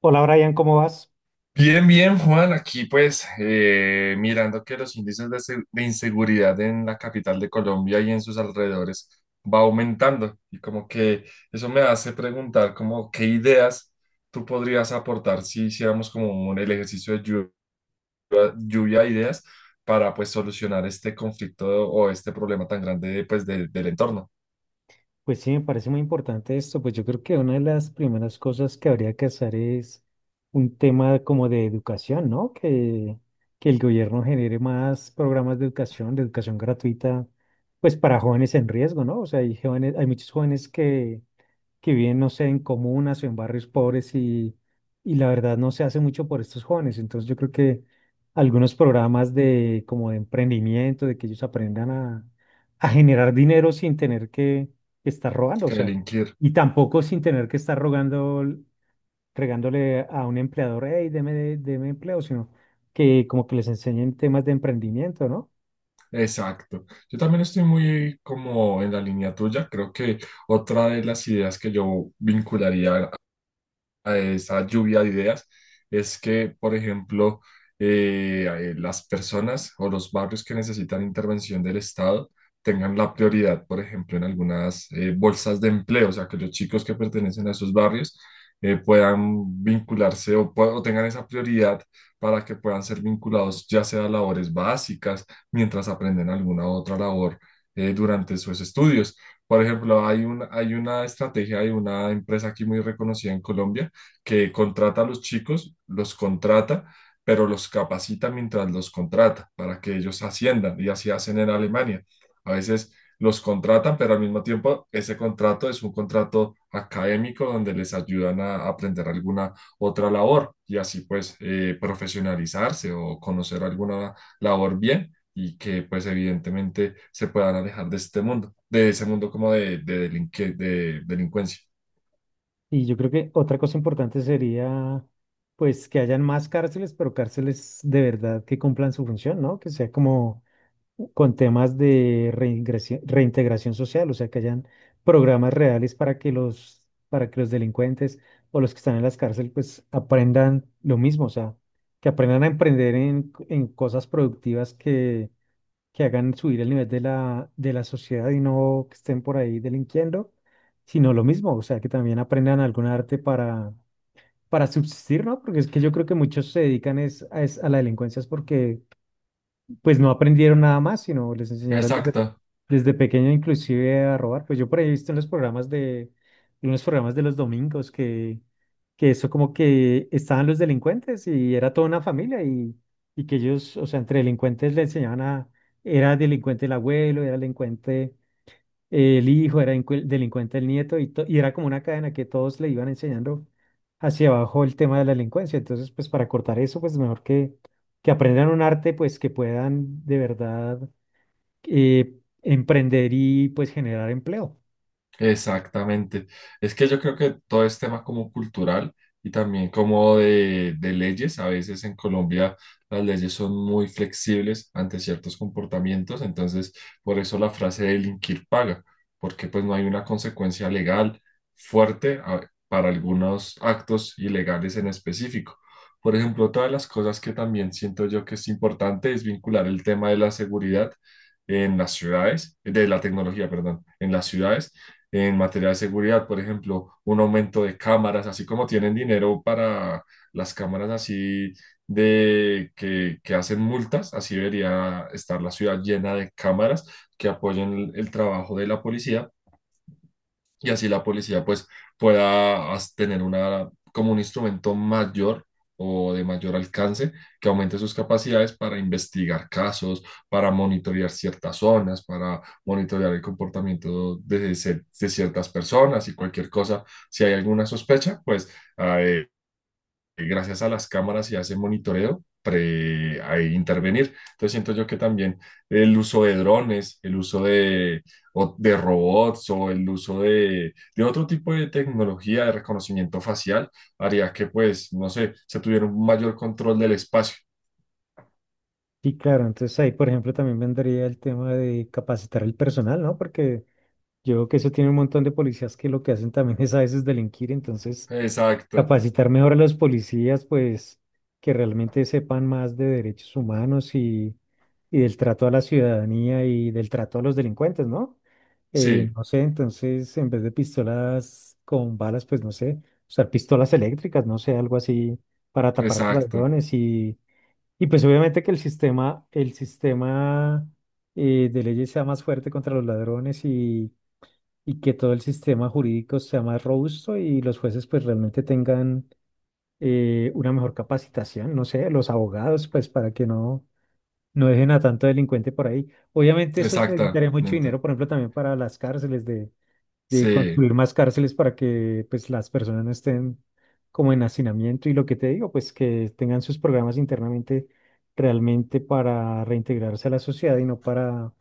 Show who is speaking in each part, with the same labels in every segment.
Speaker 1: Hola Brian, ¿cómo vas?
Speaker 2: Bien, bien, Juan. Aquí pues mirando que los índices de inseguridad en la capital de Colombia y en sus alrededores va aumentando, y como que eso me hace preguntar como qué ideas tú podrías aportar si hiciéramos el ejercicio de lluvia de ideas para pues solucionar este conflicto o este problema tan grande pues del entorno.
Speaker 1: Pues sí, me parece muy importante esto. Pues yo creo que una de las primeras cosas que habría que hacer es un tema como de educación, ¿no? Que el gobierno genere más programas de educación gratuita, pues para jóvenes en riesgo, ¿no? O sea, hay jóvenes, hay muchos jóvenes que viven, no sé, en comunas o en barrios pobres y la verdad no se hace mucho por estos jóvenes. Entonces yo creo que algunos programas de como de emprendimiento, de que ellos aprendan a generar dinero sin tener que estar robando, o
Speaker 2: Que
Speaker 1: sea,
Speaker 2: delinquir.
Speaker 1: y tampoco sin tener que estar rogando, regándole a un empleador, hey, deme, deme empleo, sino que como que les enseñen temas de emprendimiento, ¿no?
Speaker 2: Exacto. Yo también estoy muy como en la línea tuya. Creo que otra de las ideas que yo vincularía a esa lluvia de ideas es que, por ejemplo, las personas o los barrios que necesitan intervención del Estado tengan la prioridad, por ejemplo, en algunas bolsas de empleo, o sea, que los chicos que pertenecen a esos barrios puedan vincularse o tengan esa prioridad para que puedan ser vinculados ya sea a labores básicas mientras aprenden alguna otra labor durante sus estudios. Por ejemplo, hay un, hay una estrategia, hay una empresa aquí muy reconocida en Colombia que contrata a los chicos, los contrata, pero los capacita mientras los contrata para que ellos asciendan, y así hacen en Alemania. A veces los contratan, pero al mismo tiempo ese contrato es un contrato académico donde les ayudan a aprender alguna otra labor, y así pues profesionalizarse o conocer alguna labor bien y que pues evidentemente se puedan alejar de este mundo, de ese mundo como de delincuencia.
Speaker 1: Y yo creo que otra cosa importante sería, pues, que hayan más cárceles, pero cárceles de verdad que cumplan su función, ¿no? Que sea como con temas de reintegración social, o sea, que hayan programas reales para que los delincuentes o los que están en las cárceles, pues, aprendan lo mismo, o sea, que aprendan a emprender en cosas productivas que hagan subir el nivel de la sociedad y no que estén por ahí delinquiendo, sino lo mismo, o sea, que también aprendan algún arte para subsistir, ¿no? Porque es que yo creo que muchos se dedican es, a, a la delincuencia es porque pues no aprendieron nada más, sino les enseñaron desde,
Speaker 2: Exacto.
Speaker 1: desde pequeño inclusive a robar. Pues yo por ahí he visto en los programas de, en los programas de los domingos que eso como que estaban los delincuentes y era toda una familia y que ellos, o sea, entre delincuentes le enseñaban a, era delincuente el abuelo, era delincuente el hijo era delincuente, el nieto, y, y era como una cadena que todos le iban enseñando hacia abajo el tema de la delincuencia. Entonces, pues para cortar eso, pues mejor que aprendan un arte, pues que puedan de verdad eh, emprender y pues generar empleo.
Speaker 2: Exactamente. Es que yo creo que todo es tema como cultural y también como de leyes. A veces en Colombia las leyes son muy flexibles ante ciertos comportamientos, entonces por eso la frase delinquir paga, porque pues no hay una consecuencia legal fuerte para algunos actos ilegales en específico. Por ejemplo, otra de las cosas que también siento yo que es importante es vincular el tema de la seguridad en las ciudades, de la tecnología, perdón, en las ciudades en materia de seguridad, por ejemplo, un aumento de cámaras, así como tienen dinero para las cámaras así de que hacen multas, así debería estar la ciudad llena de cámaras que apoyen el trabajo de la policía, y así la policía pues pueda tener como un instrumento mayor o de mayor alcance que aumente sus capacidades para investigar casos, para monitorear ciertas zonas, para monitorear el comportamiento de ciertas personas y cualquier cosa. Si hay alguna sospecha, pues ah, eh, gracias a las cámaras y a ese monitoreo, a intervenir. Entonces siento yo que también el uso de drones, el uso de robots o el uso de otro tipo de tecnología de reconocimiento facial haría que, pues, no sé, se tuviera un mayor control del espacio.
Speaker 1: Sí, claro, entonces ahí, por ejemplo, también vendría el tema de capacitar el personal, ¿no? Porque yo creo que eso tiene un montón de policías que lo que hacen también es a veces delinquir, entonces
Speaker 2: Exacto.
Speaker 1: capacitar mejor a los policías, pues que realmente sepan más de derechos humanos y del trato a la ciudadanía y del trato a los delincuentes, ¿no?
Speaker 2: Sí,
Speaker 1: No sé, entonces en vez de pistolas con balas, pues no sé, usar pistolas eléctricas, no sé, algo así para tapar a los
Speaker 2: exacto,
Speaker 1: ladrones y pues obviamente que el sistema de leyes sea más fuerte contra los ladrones y que todo el sistema jurídico sea más robusto y los jueces pues realmente tengan una mejor capacitación, no sé, los abogados, pues para que no, no dejen a tanto delincuente por ahí. Obviamente eso necesitaría mucho dinero,
Speaker 2: exactamente.
Speaker 1: por ejemplo, también para las cárceles, de
Speaker 2: Sí.
Speaker 1: construir más cárceles para que pues las personas no estén como en hacinamiento y lo que te digo, pues que tengan sus programas internamente realmente para reintegrarse a la sociedad y no para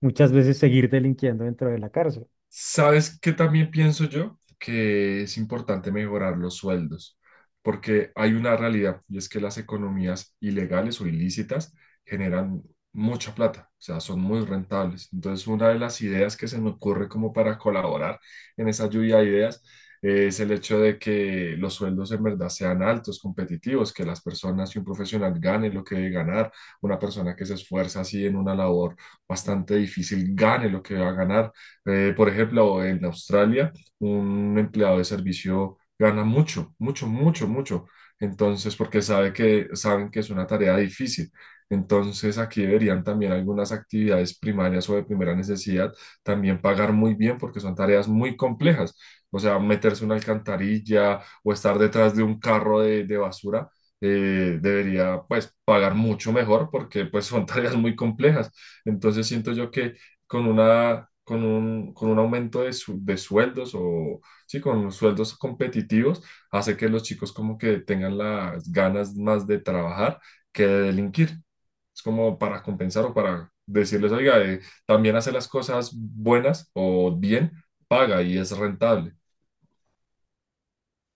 Speaker 1: muchas veces seguir delinquiendo dentro de la cárcel.
Speaker 2: ¿Sabes qué también pienso yo? Que es importante mejorar los sueldos, porque hay una realidad y es que las economías ilegales o ilícitas generan mucha plata, o sea, son muy rentables. Entonces, una de las ideas que se me ocurre como para colaborar en esa lluvia de ideas es el hecho de que los sueldos en verdad sean altos, competitivos, que las personas y un profesional gane lo que debe ganar, una persona que se esfuerza así en una labor bastante difícil gane lo que va a ganar, por ejemplo, en Australia, un empleado de servicio gana mucho, mucho, mucho, mucho. Entonces, porque saben que es una tarea difícil. Entonces, aquí deberían también algunas actividades primarias o de primera necesidad también pagar muy bien porque son tareas muy complejas. O sea, meterse una alcantarilla o estar detrás de un carro de basura, debería pues pagar mucho mejor porque pues son tareas muy complejas. Entonces siento yo que con un aumento de sueldos, o sí, con sueldos competitivos, hace que los chicos como que tengan las ganas más de trabajar que de delinquir. Es como para compensar o para decirles, oiga, también hace las cosas buenas o bien, paga y es rentable.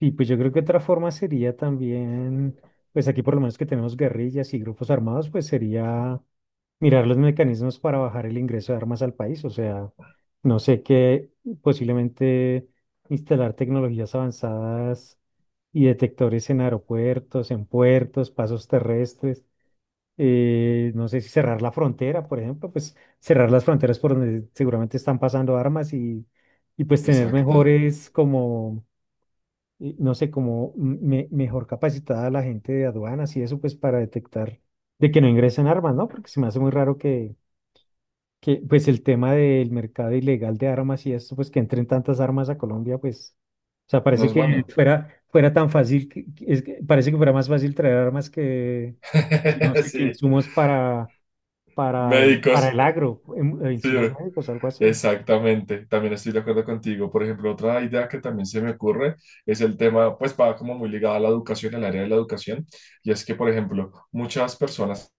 Speaker 1: Y pues yo creo que otra forma sería también, pues aquí por lo menos que tenemos guerrillas y grupos armados, pues sería mirar los mecanismos para bajar el ingreso de armas al país. O sea, no sé qué, posiblemente instalar tecnologías avanzadas y detectores en aeropuertos, en puertos, pasos terrestres. No sé si cerrar la frontera, por ejemplo, pues cerrar las fronteras por donde seguramente están pasando armas y pues tener
Speaker 2: Exacto.
Speaker 1: mejores como y no sé, como mejor capacitada la gente de aduanas y eso, pues para detectar de que no ingresen armas, ¿no? Porque se me hace muy raro que pues el tema del mercado ilegal de armas y esto, pues que entren tantas armas a Colombia, pues, o sea,
Speaker 2: No
Speaker 1: parece
Speaker 2: es
Speaker 1: que
Speaker 2: bueno.
Speaker 1: fuera, fuera tan fácil, es que parece que fuera más fácil traer armas que no sé, que
Speaker 2: Sí,
Speaker 1: insumos para
Speaker 2: médicos.
Speaker 1: el agro,
Speaker 2: Sí.
Speaker 1: insumos médicos, algo así.
Speaker 2: Exactamente, también estoy de acuerdo contigo. Por ejemplo, otra idea que también se me ocurre es el tema, pues va como muy ligado a la educación, al área de la educación, y es que, por ejemplo, muchas personas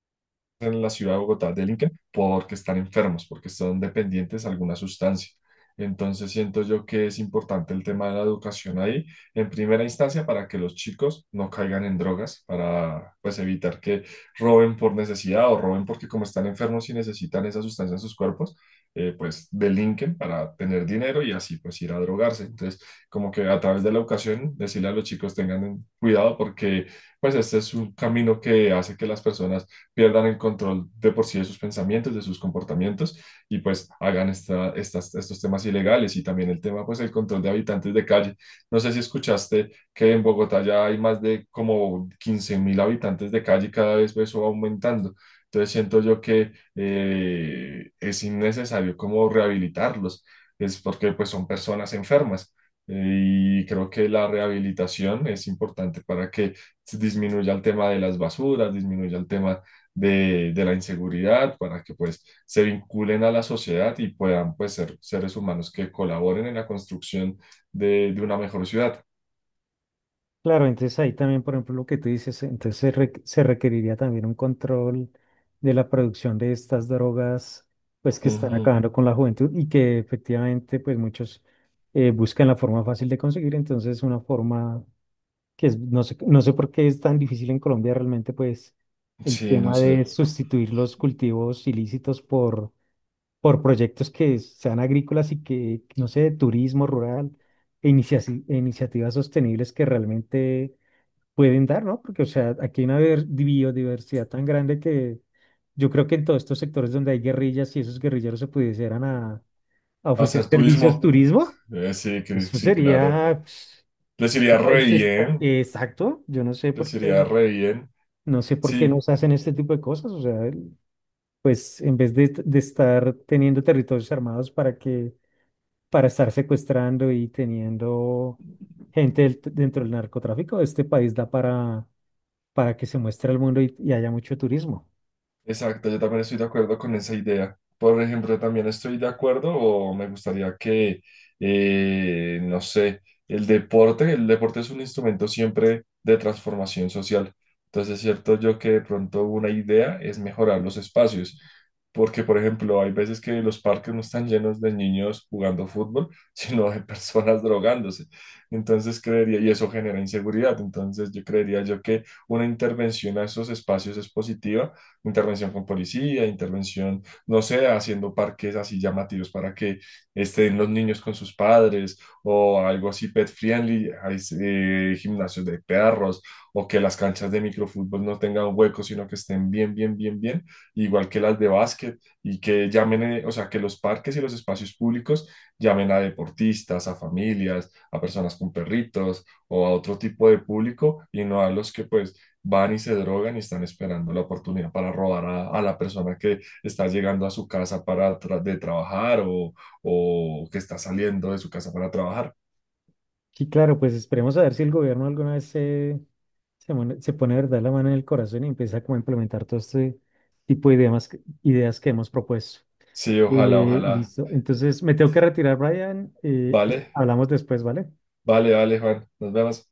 Speaker 2: en la ciudad de Bogotá del Inca porque están enfermos, porque son dependientes de alguna sustancia. Entonces siento yo que es importante el tema de la educación ahí, en primera instancia, para que los chicos no caigan en drogas, para pues evitar que roben por necesidad o roben porque como están enfermos y necesitan esa sustancia en sus cuerpos, pues delinquen para tener dinero y así pues ir a drogarse. Entonces, como que a través de la educación, decirle a los chicos tengan cuidado porque pues este es un camino que hace que las personas pierdan el control de por sí de sus pensamientos, de sus comportamientos y pues hagan estos temas ilegales y también el tema, pues, el control de habitantes de calle. No sé si escuchaste que en Bogotá ya hay más de como 15.000 habitantes de calle y cada vez eso va aumentando. Entonces siento yo que es innecesario como rehabilitarlos, es porque pues son personas enfermas. Y creo que la rehabilitación es importante para que disminuya el tema de las basuras, disminuya el tema de la inseguridad para que pues se vinculen a la sociedad y puedan pues ser seres humanos que colaboren en la construcción de una mejor ciudad.
Speaker 1: Claro, entonces ahí también, por ejemplo, lo que tú dices, entonces se, se requeriría también un control de la producción de estas drogas, pues que están
Speaker 2: Ujú.
Speaker 1: acabando con la juventud y que efectivamente, pues muchos buscan la forma fácil de conseguir, entonces una forma que es, no sé, no sé por qué es tan difícil en Colombia realmente, pues el
Speaker 2: Sí, no
Speaker 1: tema
Speaker 2: sé.
Speaker 1: de sustituir los cultivos ilícitos por proyectos que sean agrícolas y que, no sé, de turismo rural e inicia- e iniciativas sostenibles que realmente pueden dar, ¿no? Porque, o sea, aquí hay una biodiversidad tan grande que yo creo que en todos estos sectores donde hay guerrillas, si esos guerrilleros se pudieran a ofrecer
Speaker 2: Hacer
Speaker 1: servicios
Speaker 2: turismo.
Speaker 1: turismo,
Speaker 2: Sí,
Speaker 1: eso
Speaker 2: sí, claro.
Speaker 1: sería, pues,
Speaker 2: Les
Speaker 1: este
Speaker 2: iría re
Speaker 1: país está,
Speaker 2: bien.
Speaker 1: exacto, yo no sé
Speaker 2: Les
Speaker 1: por
Speaker 2: iría
Speaker 1: qué,
Speaker 2: re bien.
Speaker 1: no sé por
Speaker 2: Sí,
Speaker 1: qué nos hacen este tipo de cosas, o sea, pues en vez de estar teniendo territorios armados para que, para estar secuestrando y teniendo gente dentro del narcotráfico, este país da para que se muestre al mundo y haya mucho turismo.
Speaker 2: exacto, yo también estoy de acuerdo con esa idea. Por ejemplo, también estoy de acuerdo o me gustaría que, no sé, el deporte es un instrumento siempre de transformación social. Entonces, es cierto yo que de pronto una idea es mejorar los espacios, porque, por ejemplo, hay veces que los parques no están llenos de niños jugando fútbol, sino de personas drogándose. Entonces, creería, y eso genera inseguridad. Entonces, yo creería yo que una intervención a esos espacios es positiva, intervención con policía, intervención, no sé, haciendo parques así llamativos para que estén los niños con sus padres o algo así pet friendly, hay gimnasios de perros, o que las canchas de microfútbol no tengan huecos, sino que estén bien, bien, bien, bien, igual que las de básquet, y que llamen, o sea, que los parques y los espacios públicos llamen a deportistas, a familias, a personas con perritos o a otro tipo de público y no a los que pues van y se drogan y están esperando la oportunidad para robar a la persona que está llegando a su casa para de trabajar, o que está saliendo de su casa para trabajar.
Speaker 1: Sí, claro, pues esperemos a ver si el gobierno alguna vez se, se, se pone de verdad la mano en el corazón y empieza como a implementar todo este tipo de ideas, ideas que hemos propuesto.
Speaker 2: Sí, ojalá, ojalá.
Speaker 1: Listo, entonces me tengo que retirar, Brian.
Speaker 2: Vale,
Speaker 1: Hablamos después, ¿vale?
Speaker 2: vale, vale, Juan. Nos vemos.